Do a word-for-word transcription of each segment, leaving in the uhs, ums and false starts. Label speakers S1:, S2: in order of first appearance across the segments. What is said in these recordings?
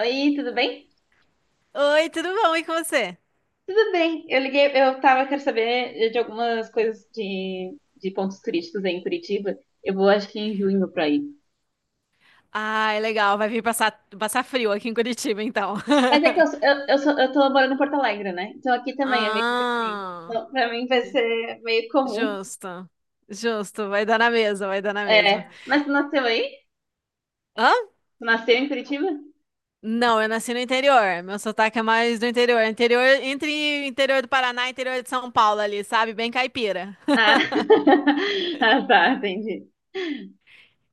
S1: Oi, tudo bem?
S2: Oi, tudo bom? E com você?
S1: Tudo bem. Eu liguei, eu tava, quero saber de algumas coisas de, de pontos turísticos aí em Curitiba. Eu vou, acho que em junho pra ir.
S2: Ai, legal. Vai vir passar, passar frio aqui em Curitiba, então.
S1: Mas é que eu, sou- eu, eu, sou, eu tô morando em Porto Alegre, né? Então aqui também é meio que assim.
S2: Ah,
S1: Então, pra mim vai ser meio comum.
S2: justo. Justo. Vai dar na mesma, vai dar na mesma.
S1: É. Mas tu nasceu aí?
S2: Hã?
S1: Tu nasceu em Curitiba?
S2: Não, eu nasci no interior. Meu sotaque é mais do interior. Interior, entre interior do Paraná e interior de São Paulo ali, sabe? Bem caipira.
S1: Ah, ah, tá, entendi.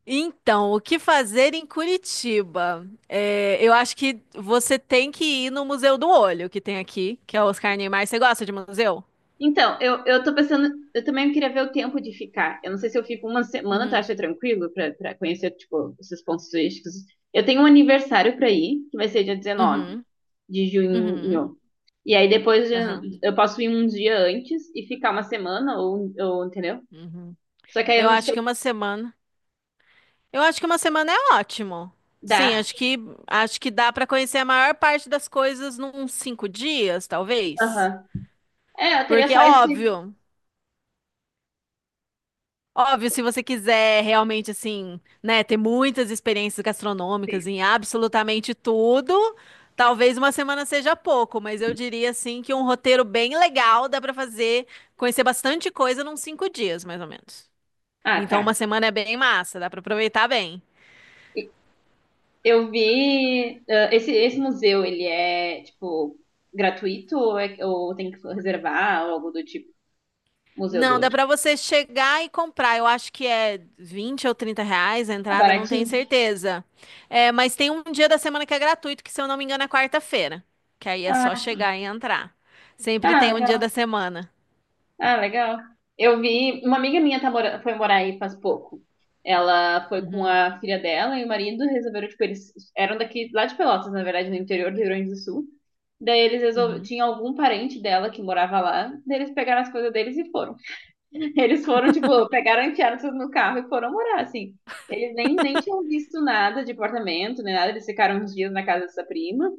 S2: Então, o que fazer em Curitiba? É, eu acho que você tem que ir no Museu do Olho, que tem aqui, que é o Oscar Niemeyer. Você gosta de museu?
S1: Então, eu, eu tô pensando, eu também queria ver o tempo de ficar. Eu não sei se eu fico uma semana, tu
S2: Uhum.
S1: acha tranquilo pra, pra conhecer, tipo, esses pontos turísticos? Eu tenho um aniversário pra ir, que vai ser dia dezenove
S2: Uhum.
S1: de
S2: Uhum,
S1: junho. E aí depois
S2: aham,
S1: de- eu posso ir um dia antes e ficar uma semana, ou, ou entendeu?
S2: uhum.
S1: Só que aí eu
S2: Eu
S1: não
S2: acho que
S1: sei
S2: uma semana. Eu acho que uma semana é ótimo. Sim,
S1: dar.
S2: acho que acho que dá para conhecer a maior parte das coisas num cinco dias, talvez.
S1: Aham. É, eu teria
S2: Porque é
S1: só esse.
S2: óbvio, óbvio, se você quiser realmente assim, né, ter muitas experiências gastronômicas em absolutamente tudo, talvez uma semana seja pouco, mas eu diria assim que um roteiro bem legal dá para fazer, conhecer bastante coisa num cinco dias, mais ou menos.
S1: Ah,
S2: Então, uma
S1: tá.
S2: semana é bem massa, dá pra aproveitar bem.
S1: Eu vi, ah, esse, esse museu, ele é, tipo, gratuito ou, é- ou tem que reservar ou algo do tipo? Museu do
S2: Não, dá
S1: Ouro.
S2: pra você chegar e comprar. Eu acho que é vinte ou trinta reais a
S1: Ah,
S2: entrada, não tenho
S1: baratinho?
S2: certeza. É, mas tem um dia da semana que é gratuito, que se eu não me engano é quarta-feira. Que aí é só
S1: Ah, sim.
S2: chegar e entrar. Sempre
S1: Ah,
S2: tem um dia da
S1: legal.
S2: semana.
S1: Ah, legal. Eu vi, uma amiga minha tá mora, foi morar aí faz pouco. Ela foi com a filha dela e o marido resolveram, tipo, eles eram daqui, lá de Pelotas, na verdade, no interior do Rio Grande do Sul. Daí eles resolveram,
S2: Uhum,
S1: tinha algum parente dela que morava lá, daí eles pegaram as coisas deles e foram. Eles foram, tipo, pegaram, enfiaram tudo no carro e foram morar, assim. Eles nem, nem tinham visto nada de apartamento, nem nada. Eles ficaram uns dias na casa dessa prima,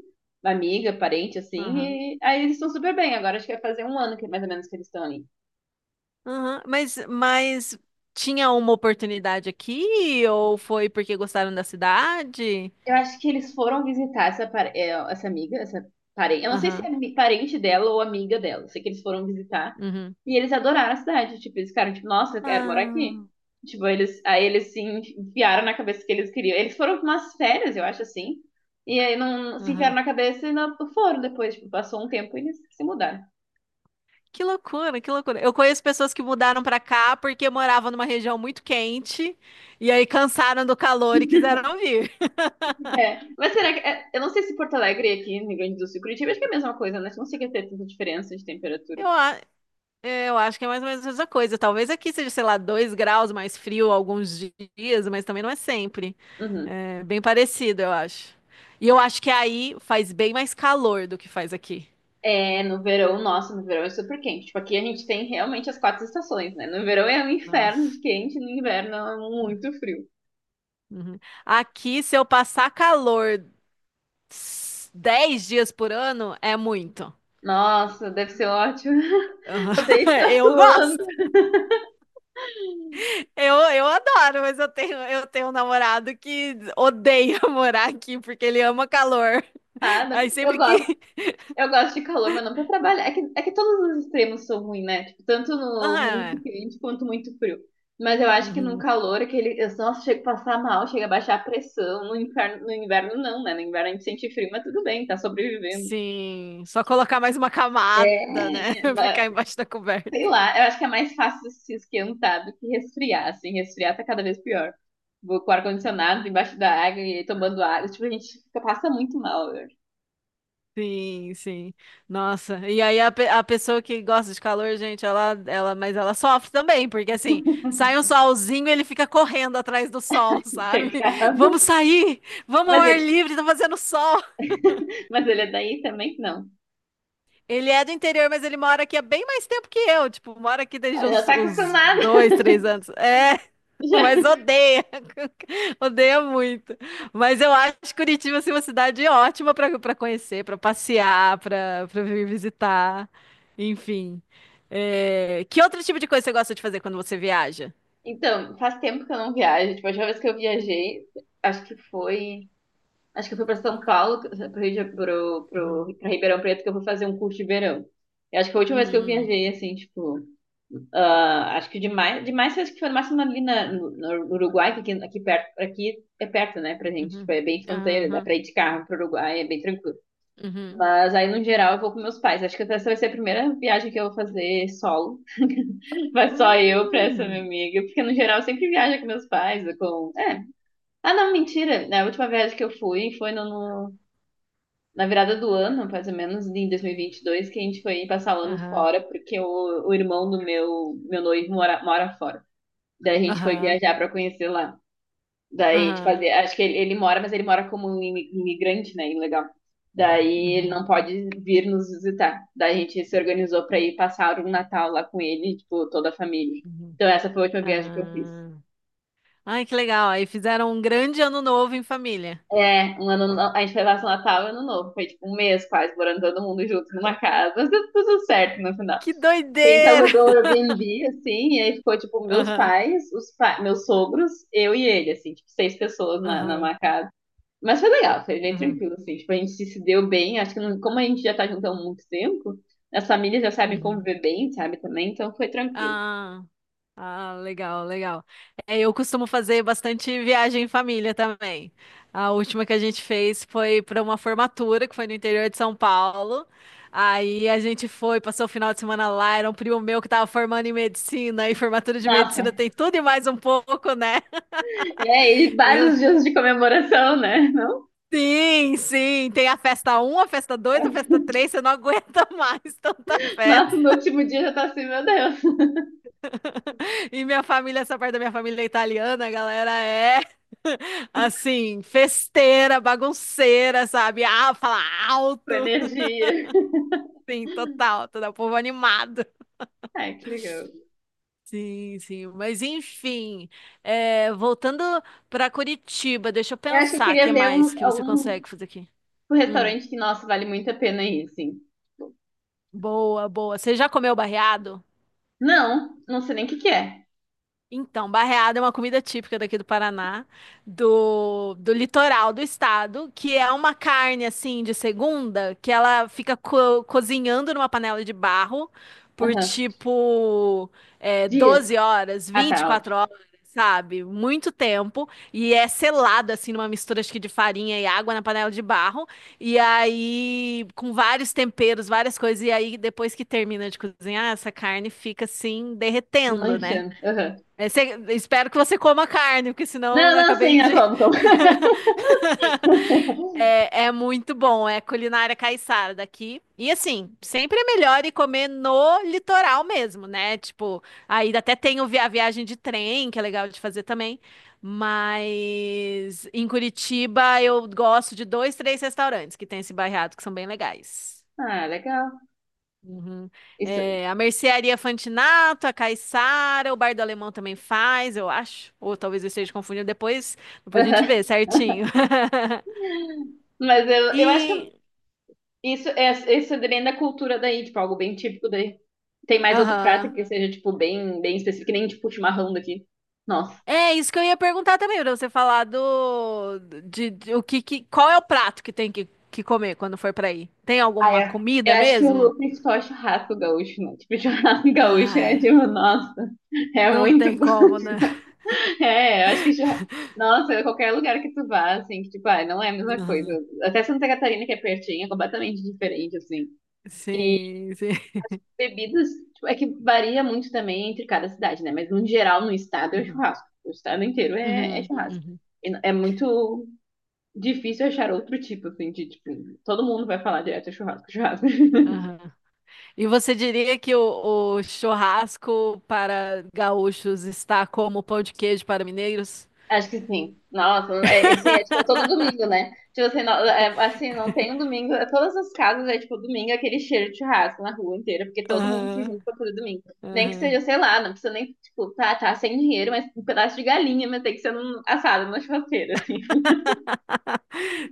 S1: uma amiga, parente,
S2: uhum,
S1: assim. E aí eles estão super bem. Agora acho que vai fazer um ano que mais ou menos que eles estão ali.
S2: uhum. Mas, mas tinha uma oportunidade aqui ou foi porque gostaram da cidade?
S1: Eu acho que eles foram visitar essa, par- é, essa amiga, essa parente. Eu não sei se é
S2: Aham,
S1: ami- parente dela ou amiga dela. Eu sei que eles foram visitar.
S2: uhum.
S1: E eles adoraram a cidade. Tipo, eles ficaram tipo, nossa, eu quero morar aqui.
S2: Ah,
S1: Tipo, eles, aí eles se enfiaram na cabeça que eles queriam. Eles foram pra umas férias, eu acho assim. E aí não se enfiaram
S2: aham.
S1: na cabeça e não foram depois. Tipo, passou um tempo e eles se mudaram.
S2: Que loucura, que loucura. Eu conheço pessoas que mudaram pra cá porque moravam numa região muito quente e aí cansaram do calor e quiseram vir.
S1: É. Mas será que. é, Eu não sei se Porto Alegre e aqui no Rio Grande do Sul, Curitiba, acho que é a mesma coisa, né? Não sei que é ter tanta diferença de temperatura.
S2: Eu, a- é, eu acho que é mais ou menos a mesma coisa. Talvez aqui seja, sei lá, dois graus mais frio alguns dias, mas também não é sempre.
S1: Uhum.
S2: É bem parecido, eu acho. E eu acho que aí faz bem mais calor do que faz aqui.
S1: É, no verão, nossa, no verão é super quente. Tipo, aqui a gente tem realmente as quatro estações, né? No verão é um inferno de
S2: Nossa.
S1: quente, no inverno é muito frio.
S2: Uhum. Aqui, se eu passar calor s- dez dias por ano, é muito.
S1: Nossa, deve ser ótimo. Odeio ficar
S2: Eu
S1: suando,
S2: gosto. Eu, eu adoro, mas eu tenho, eu tenho um namorado que odeia morar aqui porque ele ama calor.
S1: nada.
S2: Aí
S1: Eu
S2: sempre
S1: gosto,
S2: que.
S1: eu gosto de calor, mas não pra trabalhar. É que, é que todos os extremos são ruins, né? Tipo, tanto no muito
S2: Ah,
S1: quente quanto muito frio. Mas eu acho que no
S2: uhum,
S1: calor, aquele. eu- nossa, chega a passar mal, chega a baixar a pressão. No inferno, no inverno não, né? No inverno a gente sente frio, mas tudo bem, tá sobrevivendo.
S2: sim, só colocar mais uma
S1: É,
S2: camada, né?
S1: é,
S2: Ficar
S1: é,
S2: embaixo da
S1: Sei
S2: coberta.
S1: lá, eu acho que é mais fácil se esquentar do que resfriar, assim, resfriar tá cada vez pior. Vou com o ar-condicionado embaixo da água e tomando água, tipo, a gente fica, passa muito mal, eu acho.
S2: Sim, sim. Nossa, e aí a, pe- a pessoa que gosta de calor, gente, ela, ela, mas ela sofre também, porque assim, sai um solzinho, ele fica correndo atrás do sol, sabe?
S1: Pecado.
S2: Vamos sair, vamos ao
S1: Mas
S2: ar
S1: ele,
S2: livre, tá fazendo sol.
S1: mas ele é daí também? Não.
S2: Ele é do interior, mas ele mora aqui há bem mais tempo que eu. Tipo, mora aqui
S1: Ah,
S2: desde
S1: já
S2: os,
S1: tá
S2: os
S1: acostumado.
S2: dois, três anos. É, mas
S1: Já.
S2: odeia. Odeia muito. Mas eu acho Curitiba assim, uma cidade ótima para para conhecer, para passear, para para vir visitar. Enfim. É, que outro tipo de coisa você gosta de fazer quando você viaja?
S1: Então, faz tempo que eu não viajo. Tipo, a última vez que eu viajei, acho que foi. Acho que eu fui pra São Paulo, pro, Rio de- pro, pro, pra Ribeirão Preto, que eu fui fazer um curso de verão. Eu acho que foi a última vez que eu
S2: Hum,
S1: viajei, assim, tipo. Ah, acho que demais, demais acho que foi no máximo ali na, no, no Uruguai, que aqui, aqui perto, aqui é perto, né, pra gente.
S2: uhum,
S1: Tipo, é bem fronteira, dá
S2: aham,
S1: pra ir de carro pro Uruguai, é bem tranquilo.
S2: uhum,
S1: Mas aí, no geral, eu vou com meus pais. Acho que essa vai ser a primeira viagem que eu vou fazer solo. Vai só eu pra essa minha
S2: hum,
S1: amiga. Porque, no geral, eu sempre viajo com meus pais, com... É. Ah, não, mentira. né, A última viagem que eu fui foi no, no- na virada do ano, mais ou menos, em dois mil e vinte e dois, que a gente foi passar o ano
S2: aham,
S1: fora, porque o, o irmão do meu, meu noivo mora, mora fora. Daí a gente foi
S2: aham,
S1: viajar pra conhecer lá. Daí a gente
S2: aham,
S1: fazia. Acho que ele, ele mora, mas ele mora como um imi- imigrante, né? Ilegal. Daí ele
S2: uhum,
S1: não pode vir nos visitar. Daí a gente se organizou pra ir passar um Natal lá com ele, tipo, toda a família.
S2: uhum,
S1: Então essa foi a última viagem que eu fiz.
S2: ah. Ai, que legal. Aí fizeram um grande ano novo em família.
S1: É, um ano, no- a gente foi lá no Natal e Ano Novo. Foi tipo um mês quase, morando todo mundo junto numa casa. Mas deu tudo certo no final.
S2: Que
S1: A gente
S2: doideira!
S1: alugou o Airbnb, assim, e aí ficou, tipo, meus
S2: Aham,
S1: pais, os pa- meus sogros, eu e ele, assim, tipo, seis pessoas na,
S2: aham,
S1: numa casa. Mas foi legal, foi bem
S2: aham,
S1: tranquilo, assim. Tipo, a gente se se deu bem. Acho que não. Como a gente já tá junto há muito tempo, as famílias já sabem
S2: uhum.
S1: conviver bem, sabe, também. Então foi tranquilo.
S2: Ah, ah, legal, legal. É, eu costumo fazer bastante viagem em família também. A última que a gente fez foi para uma formatura que foi no interior de São Paulo. Aí a gente foi, passou o final de semana lá. Era um primo meu que estava formando em medicina, e formatura de medicina
S1: Nossa,
S2: tem tudo e mais um pouco, né?
S1: é, e
S2: Eu,
S1: vários dias de comemoração, né? Não?
S2: Sim, sim, tem a festa um, a festa dois, a festa três. Você não aguenta mais tanta
S1: Nossa, no
S2: festa.
S1: último dia já tá assim, meu Deus,
S2: E minha família, essa parte da minha família é italiana, a galera é assim, festeira, bagunceira, sabe? Ah, fala
S1: com
S2: alto,
S1: energia.
S2: sim, total, todo o povo animado.
S1: Ai, que legal.
S2: Sim, sim, mas enfim, é, voltando para Curitiba, deixa eu
S1: Eu acho que eu
S2: pensar, o que
S1: queria ver
S2: mais
S1: um,
S2: que você
S1: algum
S2: consegue fazer aqui?
S1: um
S2: Hum,
S1: restaurante que, nossa, vale muito a pena ir, assim.
S2: boa, boa. Você já comeu barreado?
S1: Não, não sei nem o que que é.
S2: Então, barreada é uma comida típica daqui do Paraná, do, do litoral do estado, que é uma carne assim de segunda, que ela fica co- cozinhando numa panela de barro por
S1: Aham.
S2: tipo é,
S1: Dias.
S2: doze horas,
S1: Ah,
S2: vinte e
S1: tá,
S2: quatro
S1: ótimo.
S2: horas, sabe? Muito tempo. E é selado assim numa mistura acho que de farinha e água na panela de barro. E aí, com vários temperos, várias coisas. E aí, depois que termina de cozinhar, essa carne fica assim derretendo, né?
S1: Desmanchando. Aham.
S2: É, cê- espero que você coma carne, porque senão
S1: Não,
S2: eu
S1: não,
S2: acabei
S1: sim, eu
S2: de.
S1: como, como.
S2: É, é muito bom, é culinária caiçara daqui. E assim, sempre é melhor ir comer no litoral mesmo, né? Tipo, aí até tem o vi- a viagem de trem, que é legal de fazer também. Mas em Curitiba eu gosto de dois, três restaurantes que tem esse bairrado que são bem legais.
S1: Ah, legal.
S2: Uhum.
S1: Isso.
S2: É, a Mercearia Fantinato, a Caiçara, o Bar do Alemão também faz, eu acho. Ou talvez eu esteja confundindo. Depois, depois a gente
S1: Aham.
S2: vê certinho.
S1: Mas eu, eu acho que
S2: E.
S1: isso é isso é bem da cultura daí, tipo, algo bem típico daí. Tem mais outro prato
S2: Aham.
S1: que seja, tipo, bem, bem específico, que nem tipo chimarrão daqui. Nossa.
S2: É isso que eu ia perguntar também, pra você falar do. De, de- o que, que- qual é o prato que tem que, que comer quando for pra aí? Tem
S1: Ah,
S2: alguma
S1: é. Eu
S2: comida
S1: acho que
S2: mesmo?
S1: o principal é churrasco gaúcho, né? Tipo, churrasco gaúcho é
S2: Ai,
S1: tipo, nossa, é
S2: não
S1: muito
S2: tem
S1: bom.
S2: como, né?
S1: É, eu acho que já. Nossa, qualquer lugar que tu vá, assim, que, tipo, ah, não é a mesma coisa.
S2: Aham.
S1: Até Santa Catarina, que é pertinho, é completamente diferente, assim.
S2: Sim, sim.
S1: Bebidas, tipo, é que varia muito também entre cada cidade, né? Mas no geral, no estado é
S2: Uhum.
S1: churrasco. O estado inteiro é, é
S2: Uhum.
S1: churrasco.
S2: Uhum.
S1: E n- É muito difícil achar outro tipo, assim, de tipo, todo mundo vai falar direto é churrasco, churrasco.
S2: Aham. E você diria que o, o churrasco para gaúchos está como o pão de queijo para mineiros?
S1: Acho que sim. Nossa, é, assim, é tipo todo domingo, né? Tipo assim, não, é, assim, não tem um domingo. Todas as casas é tipo domingo, é aquele cheiro de churrasco na rua inteira, porque todo mundo se
S2: Aham,
S1: junta todo domingo. Nem que
S2: aham.
S1: seja, sei lá, não precisa nem, tipo, tá, tá sem dinheiro, mas um pedaço de galinha, mas tem que ser um assado na churrasqueira, assim.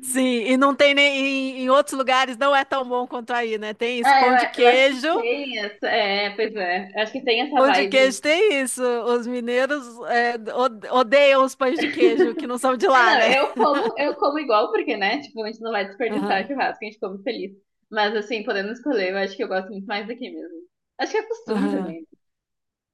S2: Sim, e não tem nem em, em outros lugares não é tão bom quanto aí, né? Tem isso,
S1: Ah, eu,
S2: pão de
S1: a- eu acho que
S2: queijo,
S1: tem essa. É, pois é. Eu acho que tem essa
S2: pão de
S1: vibe.
S2: queijo tem isso. Os mineiros é, od- odeiam os pães de queijo que não são de
S1: Ah,
S2: lá,
S1: não,
S2: né?
S1: eu como, eu como igual, porque, né? Tipo, a gente não vai desperdiçar
S2: Aham,
S1: churrasco, a gente come feliz. Mas, assim, podendo escolher, eu acho que eu gosto muito mais daqui mesmo. Acho que é costume
S2: aham.
S1: também.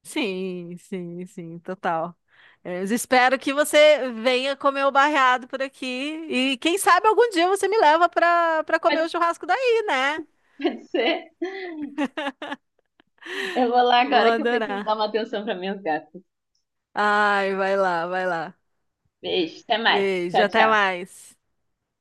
S2: Sim, sim, sim, total. É, eu espero que você venha comer o barreado por aqui e quem sabe algum dia você me leva para para comer
S1: Pode,
S2: o churrasco daí, né?
S1: pode ser. Eu vou lá
S2: Vou
S1: agora que eu preciso dar
S2: adorar.
S1: uma atenção para minhas gatas.
S2: Ai, vai lá, vai lá.
S1: Beijo, até mais.
S2: Beijo,
S1: Tchau,
S2: até
S1: tchau.
S2: mais.